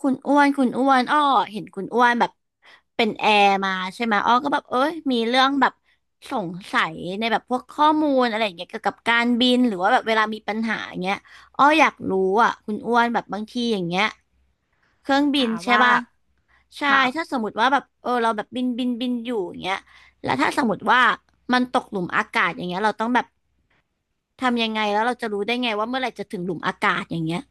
คุณอ้วนคุณอ้วนอ้อเห็นคุณอ้วนแบบเป็นแอร์มาใช่ไหมอ้อก็แบบเอ้ยมีเรื่องแบบสงสัยในแบบพวกข้อมูลอะไรอย่างเงี้ยเกี่ยวกับการบินหรือว่าแบบเวลามีปัญหาอย่างเงี้ยอ้ออยากรู้อ่ะคุณอ้วนแบบบางทีอย่างเงี้ยเครื่องบินถามใช่ว่าป่ะใช่ค่ะถ้าสมมติว่าแบบเราแบบบินอยู่อย่างเงี้ยแล้วถ้าสมมติว่ามันตกหลุมอากาศอย่างเงี้ยเราต้องแบบทำยังไงแล้วเราจะรู้ได้ไงว่าเมื่อไหร่จะถึงหลุมอากาศอย่างเงี้ย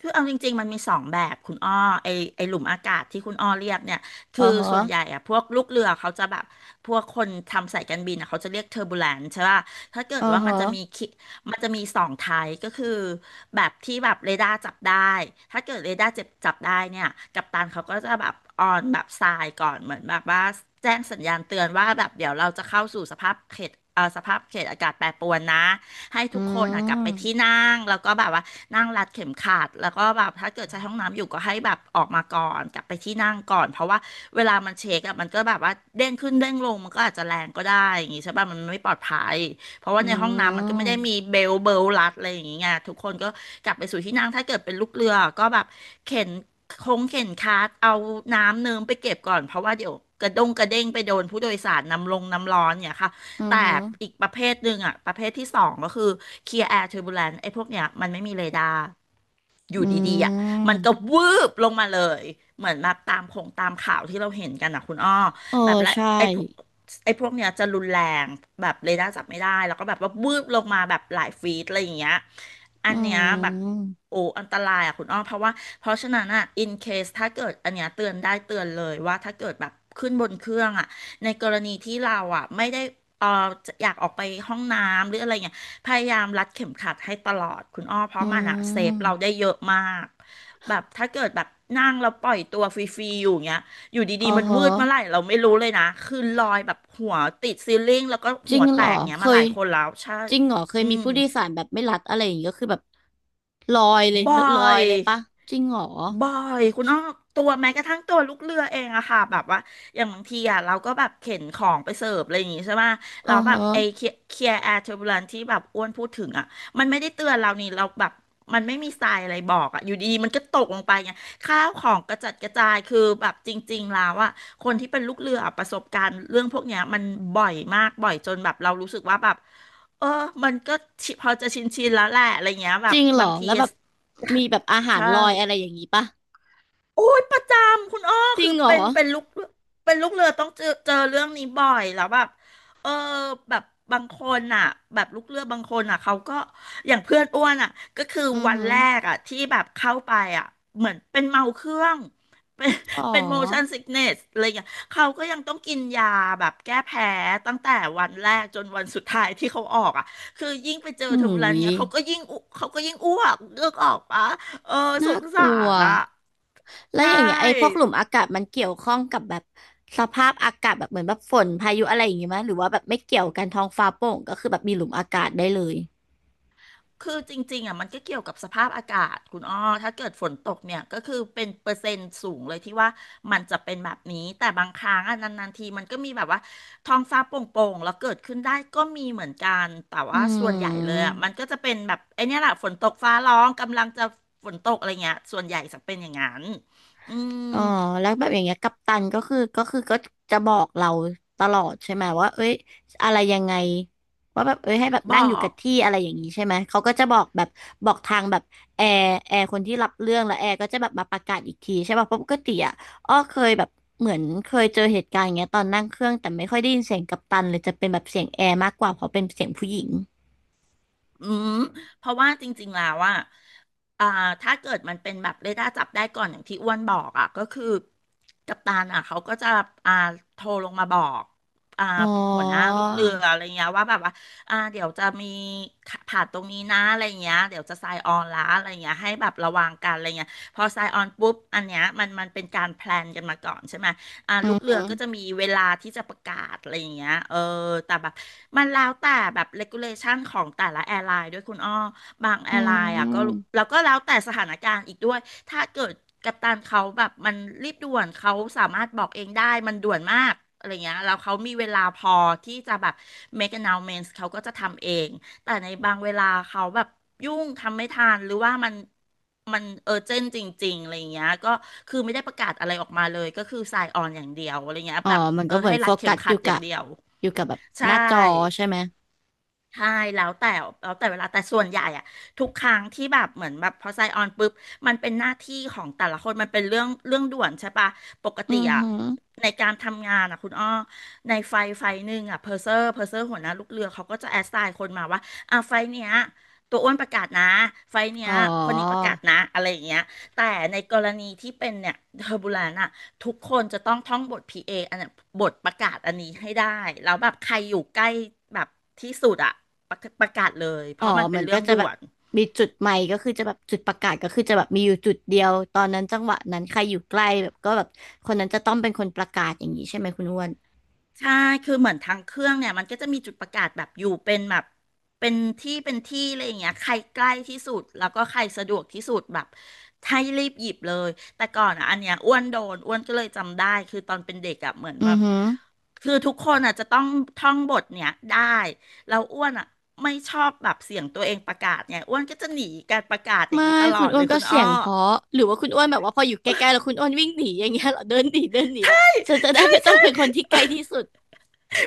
คือเอาจริงๆมันมีสองแบบคุณอ้อไอไอหลุมอากาศที่คุณอ้อเรียกเนี่ยอืคืออฮะส่วนใหญ่อะพวกลูกเรือเขาจะแบบพวกคนทำสายการบินอะเขาจะเรียกเทอร์บูแลนใช่ป่ะถ้าเกิอืดอว่ามัฮะนจะมีคิมันจะมีสองไทป์ก็คือแบบที่แบบเรดาร์จับได้ถ้าเกิดเรดาร์จับได้เนี่ยกัปตันเขาก็จะแบบออนแบบทรายก่อนเหมือนแบบว่าแจ้งสัญญาณเตือนว่าแบบเดี๋ยวเราจะเข้าสู่สภาพเขตสภาพเขตอากาศแปรปรวนนะ ให้อืทุกคนอ่ะกลับไปที่ม นั่งแล้วก็แบบว่านั่งรัดเข็มขัดแล้วก็แบบถ้าเกิดใช้ห้องน้ำอยู่ก็ให้แบบออกมาก่อนกลับไปที่นั่งก่อนเพราะว่าเวลามันเช็คอ่ะมันก็แบบว่าเด้งขึ้นเด้งลงมันก็อาจจะแรงก็ได้อย่างงี้ใช่ป่ะมันไม่ปลอดภัยเพราะว่าอืในห้องน้ำมันก็มไม่ได้มีเบลรัดอะไรอย่างเงี้ยทุกคนก็กลับไปสู่ที่นั่งถ้าเกิดเป็นลูกเรือก็แบบเข็นเข็นคาร์ทเอาน้ำเนิมไปเก็บก่อนเพราะว่าเดี๋ยวกระด้งกระเด้งไปโดนผู้โดยสารน้ำลงน้ำร้อนเนี่ยค่ะ อือแต่ฮึอีกประเภทหนึ่งอ่ะประเภทที่สองก็คือ Clear Air Turbulence ไอ้พวกเนี้ยมันไม่มีเรดาร์ออืยู่ดีๆอ่ะมันมก็วืบลงมาเลยเหมือนแบบตามผงตามข่าวที่เราเห็นกันอ่ะคุณอ้อเออแบบและใช่ไอ้พวกไอ้พวกเนี้ยจะรุนแรงแบบเรดาร์จับไม่ได้แล้วก็แบบว่าวืบลงมาแบบหลายฟีตอะไรอย่างเงี้ยอัอืนเนี้ยแบบม โอ้อันตรายอ่ะคุณอ้อมเพราะว่าเพราะฉะนั้นอ่ะ in case ถ้าเกิดอันเนี้ยเตือนได้เตือนเลยว่าถ้าเกิดแบบขึ้นบนเครื่องอ่ะในกรณีที่เราอ่ะไม่ได้ เอ่อจะอยากออกไปห้องน้ำหรืออะไรเงี้ยพยายามรัดเข็มขัดให้ตลอดคุณอ้อเพอืราะมันอะเซฟเรามได้เยอะมากแบบถ้าเกิดแบบนั่งแล้วปล่อยตัวฟรีๆอยู่เงี้ยอยู่อ๋ดีอๆมันฮะวืดเมื่อไหร่เราไม่รู้เลยนะคือลอยแบบหัวติดซีลิ่งแล้วก็จหัริงวแตเหรอกเงี้เคยมาหยลายคนแล้วใช่จริงเหรอเคยอืมีมผู้โดยสารแบบไม่รัดอะไรอย่างงี้ก็คือแบบลอยเลยบ่อลอยย เลยปะจริงเหรอบ่อยคุณอ้อตัวแม้กระทั่งตัวลูกเรือเองอะค่ะแบบว่าอย่างบางทีอะเราก็แบบเข็นของไปเสิร์ฟอะไรอย่างงี้ใช่ไหมอ๋อเราแบบไอ้ฮะเคลียร์แอร์เทอร์บูลันที่แบบอ้วนพูดถึงอะมันไม่ได้เตือนเรานี่เราแบบมันไม่มีทรายอะไรบอกอะอยู่ดีๆมันก็ตกลงไปไงข้าวของกระจัดกระจายคือแบบจริงๆแล้วอะคนที่เป็นลูกเรืออะประสบการณ์เรื่องพวกเนี้ยมันบ่อยมากบ่อยจนแบบเรารู้สึกว่าแบบเออมันก็ชิพอจะชินแล้วแหละอะไรเงี้ยแบจบริงเหรอบางทีแล้วแบบมีแบบอาหารใช่ ลอยอะไรอย่างงี้ปะโอ้ยประจำคุณอ้อจริคืงอเหรอเป็นลูกเป็นลูกเรือต้องเจอเรื่องนี้บ่อยแล้วแบบเออแบบบางคนอ่ะแบบลูกเรือบางคนอ่ะเขาก็อย่างเพื่อนอ้วนอ่ะก็คืออือวันฮึแรกอ่ะที่แบบเข้าไปอ่ะเหมือนเป็นเมาเครื่องเป็นอ๋อเป็น motion sickness อะไรอย่างเงี้ยเขาก็ยังต้องกินยาแบบแก้แพ้ตั้งแต่วันแรกจนวันสุดท้ายที่เขาออกอ่ะคือยิ่งไปเจอหูเทอร์บูลันยเนี่ยเขาก็ยิ่งอุเขาก็ยิ่งอ้วกเลือกออกปะเออสน่างกสาลัว รอ่ะ แล้ใชวอย่างเงี้ยไอ้พวก่หลุมอากาศมันเกี่ยวข้องกับแบบสภาพอากาศแบบเหมือนแบบฝนพายุอะไรอย่างงี้มั้ยหรือว่าแบบไม่เกี่ยวกันท้องฟ้าโปร่งก็คือแบบมีหลุมอากาศได้เลยคือจริงๆอ่ะมันก็เกี่ยวกับสภาพอากาศคุณอ้อถ้าเกิดฝนตกเนี่ยก็คือเป็นเปอร์เซ็นต์สูงเลยที่ว่ามันจะเป็นแบบนี้ แต่บางครั้งอ่ะนานๆทีมันก็มีแบบว่าท้องฟ้าโปร่งๆแล้วเกิดขึ้นได้ก็มีเหมือนกัน แต่อืว่าส่วนใหญ่เลยอ่ะมันก็ม จะเป็นแบบไอ้เนี่ยแหละฝนตกฟ้าร้องกำลังจะฝนตกอะไรเงี้ยส่วนใหญ่จะเป็นอย่างนั้นอืมอ๋อแล้วแบบอย่างเงี้ยกัปตันก็คือก็จะบอกเราตลอดใช่ไหมว่าเอ้ยอะไรยังไงว่าแบบเอ้ยให้แบบบอนั่งอยู่กัก บที่อะไรอย่างนี้ใช่ไหมเขาก็จะบอกแบบบอกทางแบบแอร์คนที่รับเรื่องแล้วแอร์ก็จะแบบมาประกาศอีกทีใช่ป่ะเพราะปกติอ่ะอ้อเคยแบบเหมือนเคยเจอเหตุการณ์อย่างเงี้ยตอนนั่งเครื่องแต่ไม่ค่อยได้ยินเสียงกัปตันเลยจะเป็นแบบเสียงแอร์มากกว่าเพราะเป็นเสียงผู้หญิงอืมเพราะว่าจริงๆ แล้วอ่ะอ่าถ้าเกิดมันเป็นแบบเรดาร์จับได้ก่อนอย่างที่อ้วนบอกอ่ะก็คือกัปตันอ่ะเขาก็จะอ่าโทรลงมาบอกอ่าอ๋อหัวหน้าลูกเรืออะไรเงี้ยว่าแบบว่าเดี๋ยวจะมีผ่านตรงนี้นะอะไรเงี้ยเดี๋ยวจะไซน์ออนละอะไรเงี้ยให้แบบระวังกันอะไรเงี้ยพอไซน์ออนปุ๊บอันเนี้ยมันเป็นการแพลนกันมาก่อนใช่ไหม อืลูอกเรืหืออก็จะมีเวลาที่จะประกาศอะไรอย่างเงี้ยเออ แต่แบบมันแล้วแต่แบบ regulation ของแต่ละแอร์ไลน์ด้วยคุณอ้อบางแออืร์ไลน์อ่ะก็ม แล้วก็แล้วแต่สถานการณ์อีกด้วย ถ้าเกิดกัปตันเขาแบบมันรีบด่วนเขาสามารถบอกเองได้มันด่วนมากอะไรเงี้ยแล้วเขามีเวลาพอที่จะแบบ make announcements เขาก็จะทำเอง แต่ในบางเวลาเขาแบบยุ่งทำไม่ทันหรือว่ามันมันเจนจริงๆอะไรอย่างเงี้ยก็คือไม่ได้ประกาศอะไรออกมาเลยก็คือสายออนอย่างเดียวอะไรเงี้ยอ๋อแบบมันก็เหมือให้นโฟรัดเข็กัมสอขัยู่ดอกัย่างบเดียวอยู่กับแบบใชหน้าจอ่ ใช่ไหมใช่แล้วแต่แล้วแต่เวลาแต่ส่วนใหญ่อะทุกครั้งที่แบบเหมือนแบบพอไซออนปุ๊บมันเป็นหน้าที่ของแต่ละคนมันเป็นเรื่องด่วนใช่ปะปกติอืออะหือในการทำงานอะคุณอ้อในไฟหนึ่งอะเพอร์เซอร์หัวหน้าลูกเรือเขาก็จะแอสไซน์คนมาว่าอ่ะไฟเนี้ยตัวอ้วนประกาศนะไฟเนี้อ๋ยอคนนี้ประกาศนะอะไรอย่างเงี้ยแต่ในกรณีที่เป็นเนี่ยเทอร์บูลนอะ ทุกคนจะต้องท่องบท PA ออันนั้นบทประกาศอันนี้ให้ได้แล้วแบบใครอยู่ใกล้แบบที่สุดอะประกาศเลยเพอ๋อราะมันเป็มันนเรื่ก็องจะด่แบวบน มีจุดใหม่ก็คือจะแบบจุดประกาศก็คือจะแบบมีอยู่จุดเดียวตอนนั้นจังหวะนั้นใครอยู่ใกล้แบบก็แบบคนนั้นจะต้องเป็นคนประกาศอย่างนี้ใช่ไหมคุณอ้วนใช่คือเหมือนทางเครื่องเนี่ยมันก็จะมีจุดประกาศแบบอยู่เป็นแบบเป็นที่อะไรอย่างเงี้ยใครใกล้ที่สุดแล้วก็ใครสะดวกที่สุดแบบให้รีบหยิบเลยแต่ก่อนอ่ะอันเนี้ยอ้วนโดนอ้วนก็เลยจำได้คือตอนเป็นเด็กอ่ะเหมือนอืแบอบหือคือทุกคนอ่ะจะต้องท่องบทเนี่ยได้แล้วอ้วนอ่ะไม่ชอบแบบเสียงตัวเองประกาศเนี่ยอ้วนก็จะหนีการประกาศอย่างไม่นี้ตลอคุณดอ้เลวนยก็คุณเสีอ้อ ยงเพราะหรือว่าคุณอ้วนแบบว่าพออยู่ใกล้ๆแล้วคุณอ้วนวิ่งหนีอย่างเงี้ยเหรอเดินหนีเดินหนีแล้วฉันจะ ได้ใช่ไม่ต้องใช่ เป็นคนที่ใกล้ที่สุด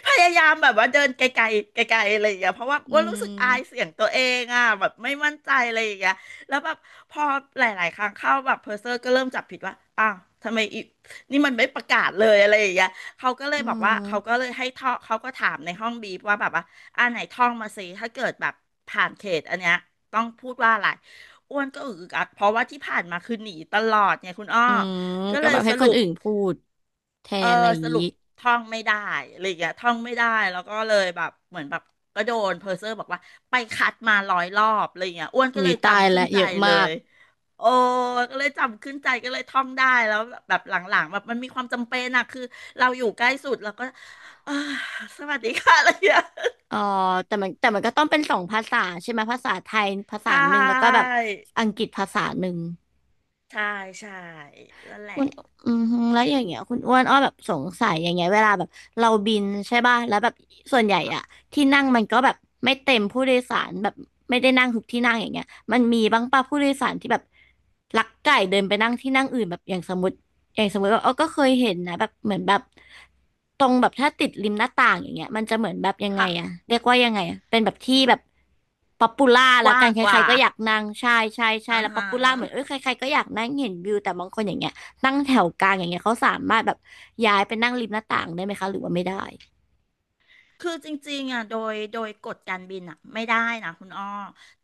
พยายามแบบว่าเดินไกลๆไกลๆอะไรอย่างเงี้ยเพราะว่าอือ้วนรู้สึกอายมเสียงตัวเองอ่ะแบบไม่มั่นใจอะไรอย่างเงี้ยแล้วแบบพอหลายๆครั้งเข้าแบบเพอร์เซอร์ก็เริ่มจับผิดว่าอ้าวทำไมอีนี่มันไม่ประกาศเลยอะไรอย่างเงี้ยเขาก็เลยอืบอกว่าเขาก็ม เลยให้ท่องเขาก็ถามในห้องบีฟว่าแบบว่าไหนท่องมาสิถ้าเกิดแบบผ่านเขตอันเนี้ยต้องพูดว่าอะไรอ้วนก็อึกอักเพราะว่าที่ผ่านมาคือหนีตลอดไงคุณอ้ออืมก็ก็เลแบยบให้สครุนป อื่นพูดแทเออนอะไรอย่างสนี้รุปท่องไม่ได้อะไรอย่างเงี้ยท่องไม่ได้แล้วก็เลยแบบเหมือนแบบก็โดนเพอร์เซอร์บอกว่าไปคัดมาร้อยรอบอะไรอย่างเงี้ยอ้วนก็หุ้เลยยตายจำขึ้นและใจเยอะเลมากยโอ้ก็เลยจำขึ้นใจก็เลยท่องได้แล้วแบบหลังๆแบบมันมีความจำเป็นอะคือเราอยู่ใกล้สุดเราก็เออสวัสดีค่ะอะไรอย่างเงี้ยอ๋อแต่มันก็ต้องเป็นสองภาษาใช่ไหมภาษาไทยภาใชษาหนึ่งแล้วก็แบบ่อังกฤษภาษาหนึ่ง ใช่ใช่นั่นแหละคุณอืมฮึแล้วอย่างเงี้ยคุณอ้วนอ้อแบบสงสัยอย่างเงี้ยเวลาแบบเราบินใช่ป่ะแล้วแบบส่วนใหญ่ค่ะอะที่นั่งมันก็แบบไม่เต็มผู้โดยสารแบบไม่ได้นั่งทุกที่นั่งอย่างเงี้ยมันมีบ้างป่ะผู้โดยสารที่แบบลักไก่เดินไปนั่งที่นั่งอื่นแบบอย่างสมมติอย่างสมมติว่าอ้อก็เคยเห็นนะแบบเหมือนแบบตรงแบบถ้าติดริมหน้าต่างอย่างเงี้ยมันจะเหมือนแบบยังไงค่ะอะเรียกว่ายังไงอะเป็นแบบที่แบบป๊อปปูล่ากละว้ากันงใคกรว่าๆก็อยากนั่งใช่ใช่ใช่อ่าแล้วป๊อฮะ ปปูล่าเหมือนเอ้ยใครๆก็อยากนั่งเห็นวิวแต่บางคนอย่างเงี้ย นั่งแถวกลางอย่างเงี้ยเขาสามารถแบบย้ายไปนั่งริมหน้าต่างได้ไหมคะหรือว่าไม่ได้คือจริงๆอ่ะโดยกฎการบินอ่ะไม่ได้นะคุณอ้อ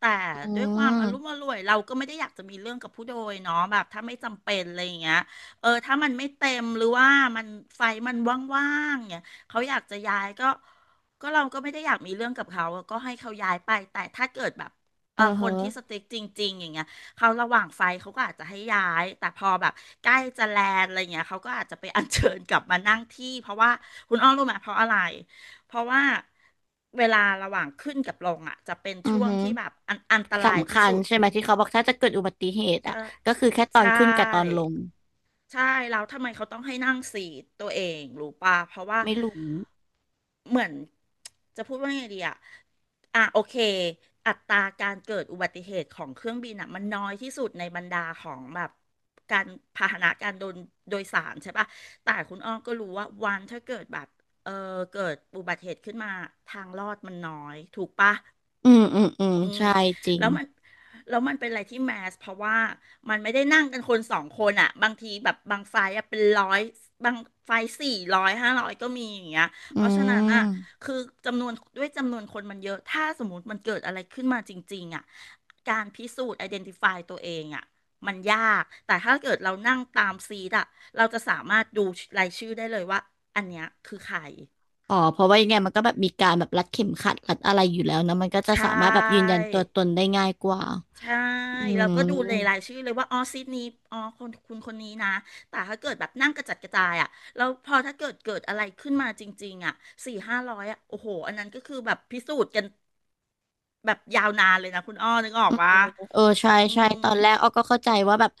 แต่อืด้วยความอารมณ์อมร่วยเราก็ไม่ได้อยากจะมีเรื่องกับผู้โดยเนาะแบบถ้าไม่จำเป็นอะไรอย่างเงี้ยถ้ามันไม่เต็มหรือว่ามันไฟมันว่างๆเนี่ยเขาอยากจะย้ายก็ก็เราก็ไม่ได้อยากมีเรื่องกับเขาก็ให้เขาย้ายไปแต่ถ้าเกิดแบบเออคฮะนที่สติ๊กจริงๆอย่างเงี้ยเขาระหว่างไฟเขาก็อาจจะให้ย้ายแต่พอแบบใกล้จะแลนด์อะไรเงี้ยเขาก็อาจจะไปอัญเชิญกลับมานั่งที่เพราะว่าคุณอ้อรู้ไหมเพราะอะไร เพราะว่าเวลาระหว่างขึ้นกับลงอ่ะจะเป็นอือช่วงฮึที่แบบอันตรายสำที่คัญสุดใช่ไหมที่เขาบอกถ้าจะเกิดอุบัติเหตุเอออ่ะก็คือแค่ตอนใช่ ขึ้นกับตอนลงใช่แล้วทำไมเขาต้องให้นั่งซีทตัวเองรู้ป่ะเพราะว่าไม่รู้เหมือน จะพูดว่าไงดีอะอ่ะโอเคอัตราการเกิดอุบัติเหตุของเครื่องบินอะมันน้อยที่สุดในบรรดาของแบบการพาหนะการโดนโดยสารใช่ป่ะแต่คุณอ้อมก็รู้ว่าวันถ้าเกิดแบบเออเกิดอุบัติเหตุขึ้นมาทางรอดมันน้อยถูกป่ะ อืมอืมอืมอืมใช่จริงแล้วมันแล้วมันเป็นอะไรที่แมสเพราะว่ามันไม่ได้นั่งกันคนสองคนอ่ะบางทีแบบบางไฟล์อะเป็นร้อยบางไฟสี่ร้อยห้าร้อยก็มีอย่างเงี้ยอืเพราะฉะนั้นอ่ะมคือจำนวนด้วยจำนวนคนมันเยอะถ้าสมมติมันเกิดอะไรขึ้นมาจริงๆอ่ะการพิสูจน์ identify ตฟายตัวเองอ่ะมันยากแต่ถ้าเกิดเรานั่งตามซีดอ่ะเราจะสามารถดูรายชื่อได้เลยว่าอันเนี้ยคือใครอ๋อเพราะว่ายังไงมันก็แบบมีการแบบรัดเข็มขัดรัดอะไรอยู่แล้วนะมันก็จะใช่ สามารถแบบยืนยันตัวตนได้ง่ายกว่าใช่อืเราม ก็ดูในรายชื่อเลยว่าอ๋อซีทนี้อ๋อคนคุณคนนี้นะแต่ถ้าเกิดแบบนั่งกระจัดกระจายอ่ะแล้วพอถ้าเกิดเกิดอะไรขึ้นมาจริงๆอ่ะสี่ห้าร้อยอ่ะโอ้โหอันนั้นก็คือแบบพิสูจน์กันแบบยาวนานเลยนะคุณอ้อนึกออกปะเออใช่อืใช่มตอนแรกอ้อก็เข้าใจว่าแบบ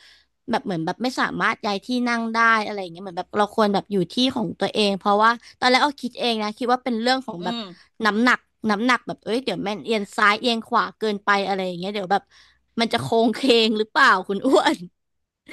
แบบเหมือนแบบไม่สามารถย้ายที่นั่งได้อะไรอย่างเงี้ยเหมือนแบบเราควรแบบอยู่ที่ของตัวเองเพราะว่าตอนแรกอ้อคิดเองนะคิดว่าเป็นเรื่องของอืแบบม น้ำหนักน้ำหนักแบบเอ้ยเดี๋ยวแม่นเอียงซ้ายเอียงขวาเกินไปอะไรอย่างเงี้ยเดี๋ยวแบบมันจะโค้งเคงหรือเปล่าคุณ อ้วน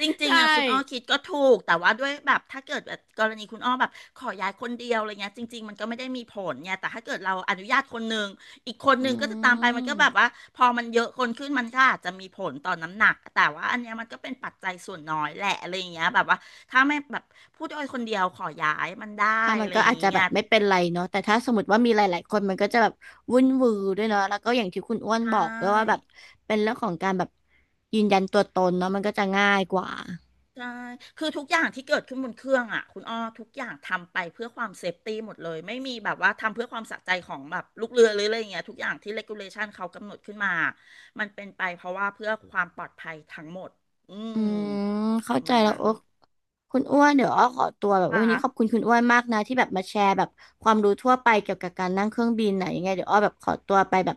จ ริงใช่ๆอ่ะคุณอ้อคิดก็ถูกแต่ว่าด้วยแบบถ้าเกิดแบบกรณีคุณอ้อแบบขอย้ายคนเดียวอะไรเงี้ยจริงๆมันก็ไม่ได้มีผลเนี่ยแต่ถ้าเกิดเราอนุญาตคนหนึ่งอีกคนอืหนึ่งก็จะตามไปมันก็แบบม ว่าพอมันเยอะคนขึ้นมันก็อาจจะมีผลต่อน้ำหนักแต่ว่าอันเนี้ยมันก็เป็นปัจจัยส่วนน้อยแหละอะไรอย่างเงี้ยแบบว่าถ้าไม่แบบผู้โดยคนเดียวขอย้ายมันได้อ่ะมัอะนไรก็อย่าอางจจะแบเงี้บยไม่เป็นไรเนาะแต่ถ้าสมมติว่ามีหลายๆคนมันก็จะแบบวุ่นวือด้วยเนาะแล้วก็อย่างที่คุณอ้วนใช่ บอกด้วยว่าแบบเป็นเรื่องของการแบบยืนยันตัวตนเนาะมันก็จะง่ายกว่าใช่คือทุกอย่างที่เกิดขึ้นบนเครื่องอ่ะคุณอ้อทุกอย่างทำไปเพื่อความเซฟตี้หมดเลยไม่มีแบบว่าทำเพื่อความสะใจของแบบลูกเรือหรืออะไรอย่างเงี้ยทุกอย่างที่เลกูเลชันเขากำหนดขึ้นมามันเป็นไปเพราะว่าเพื่อความปลอดภัยทั้งหมดอือืมมปเข้าระใจมาณแล้วนั้นโอ๊คคุณอ้วนเดี๋ยวอ้อขอตัวแบบควันนี้ขอบคุ่ะณคุณอ้วนมากนะที่แบบมาแชร์แบบความรู้ทั่วไปเกี่ยวกับการนั่งเครื่องบินไหนะยังไงเดี๋ยวอ้อแบบขอตัวไปแบบ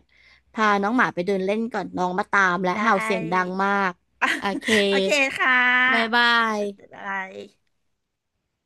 พาน้องหมาไปเดินเล่นก่อนน้องมาตามและเห่าได้ เสียงดังมากโอเค โอเคค่บายะบาเอยอบ๊ายบาย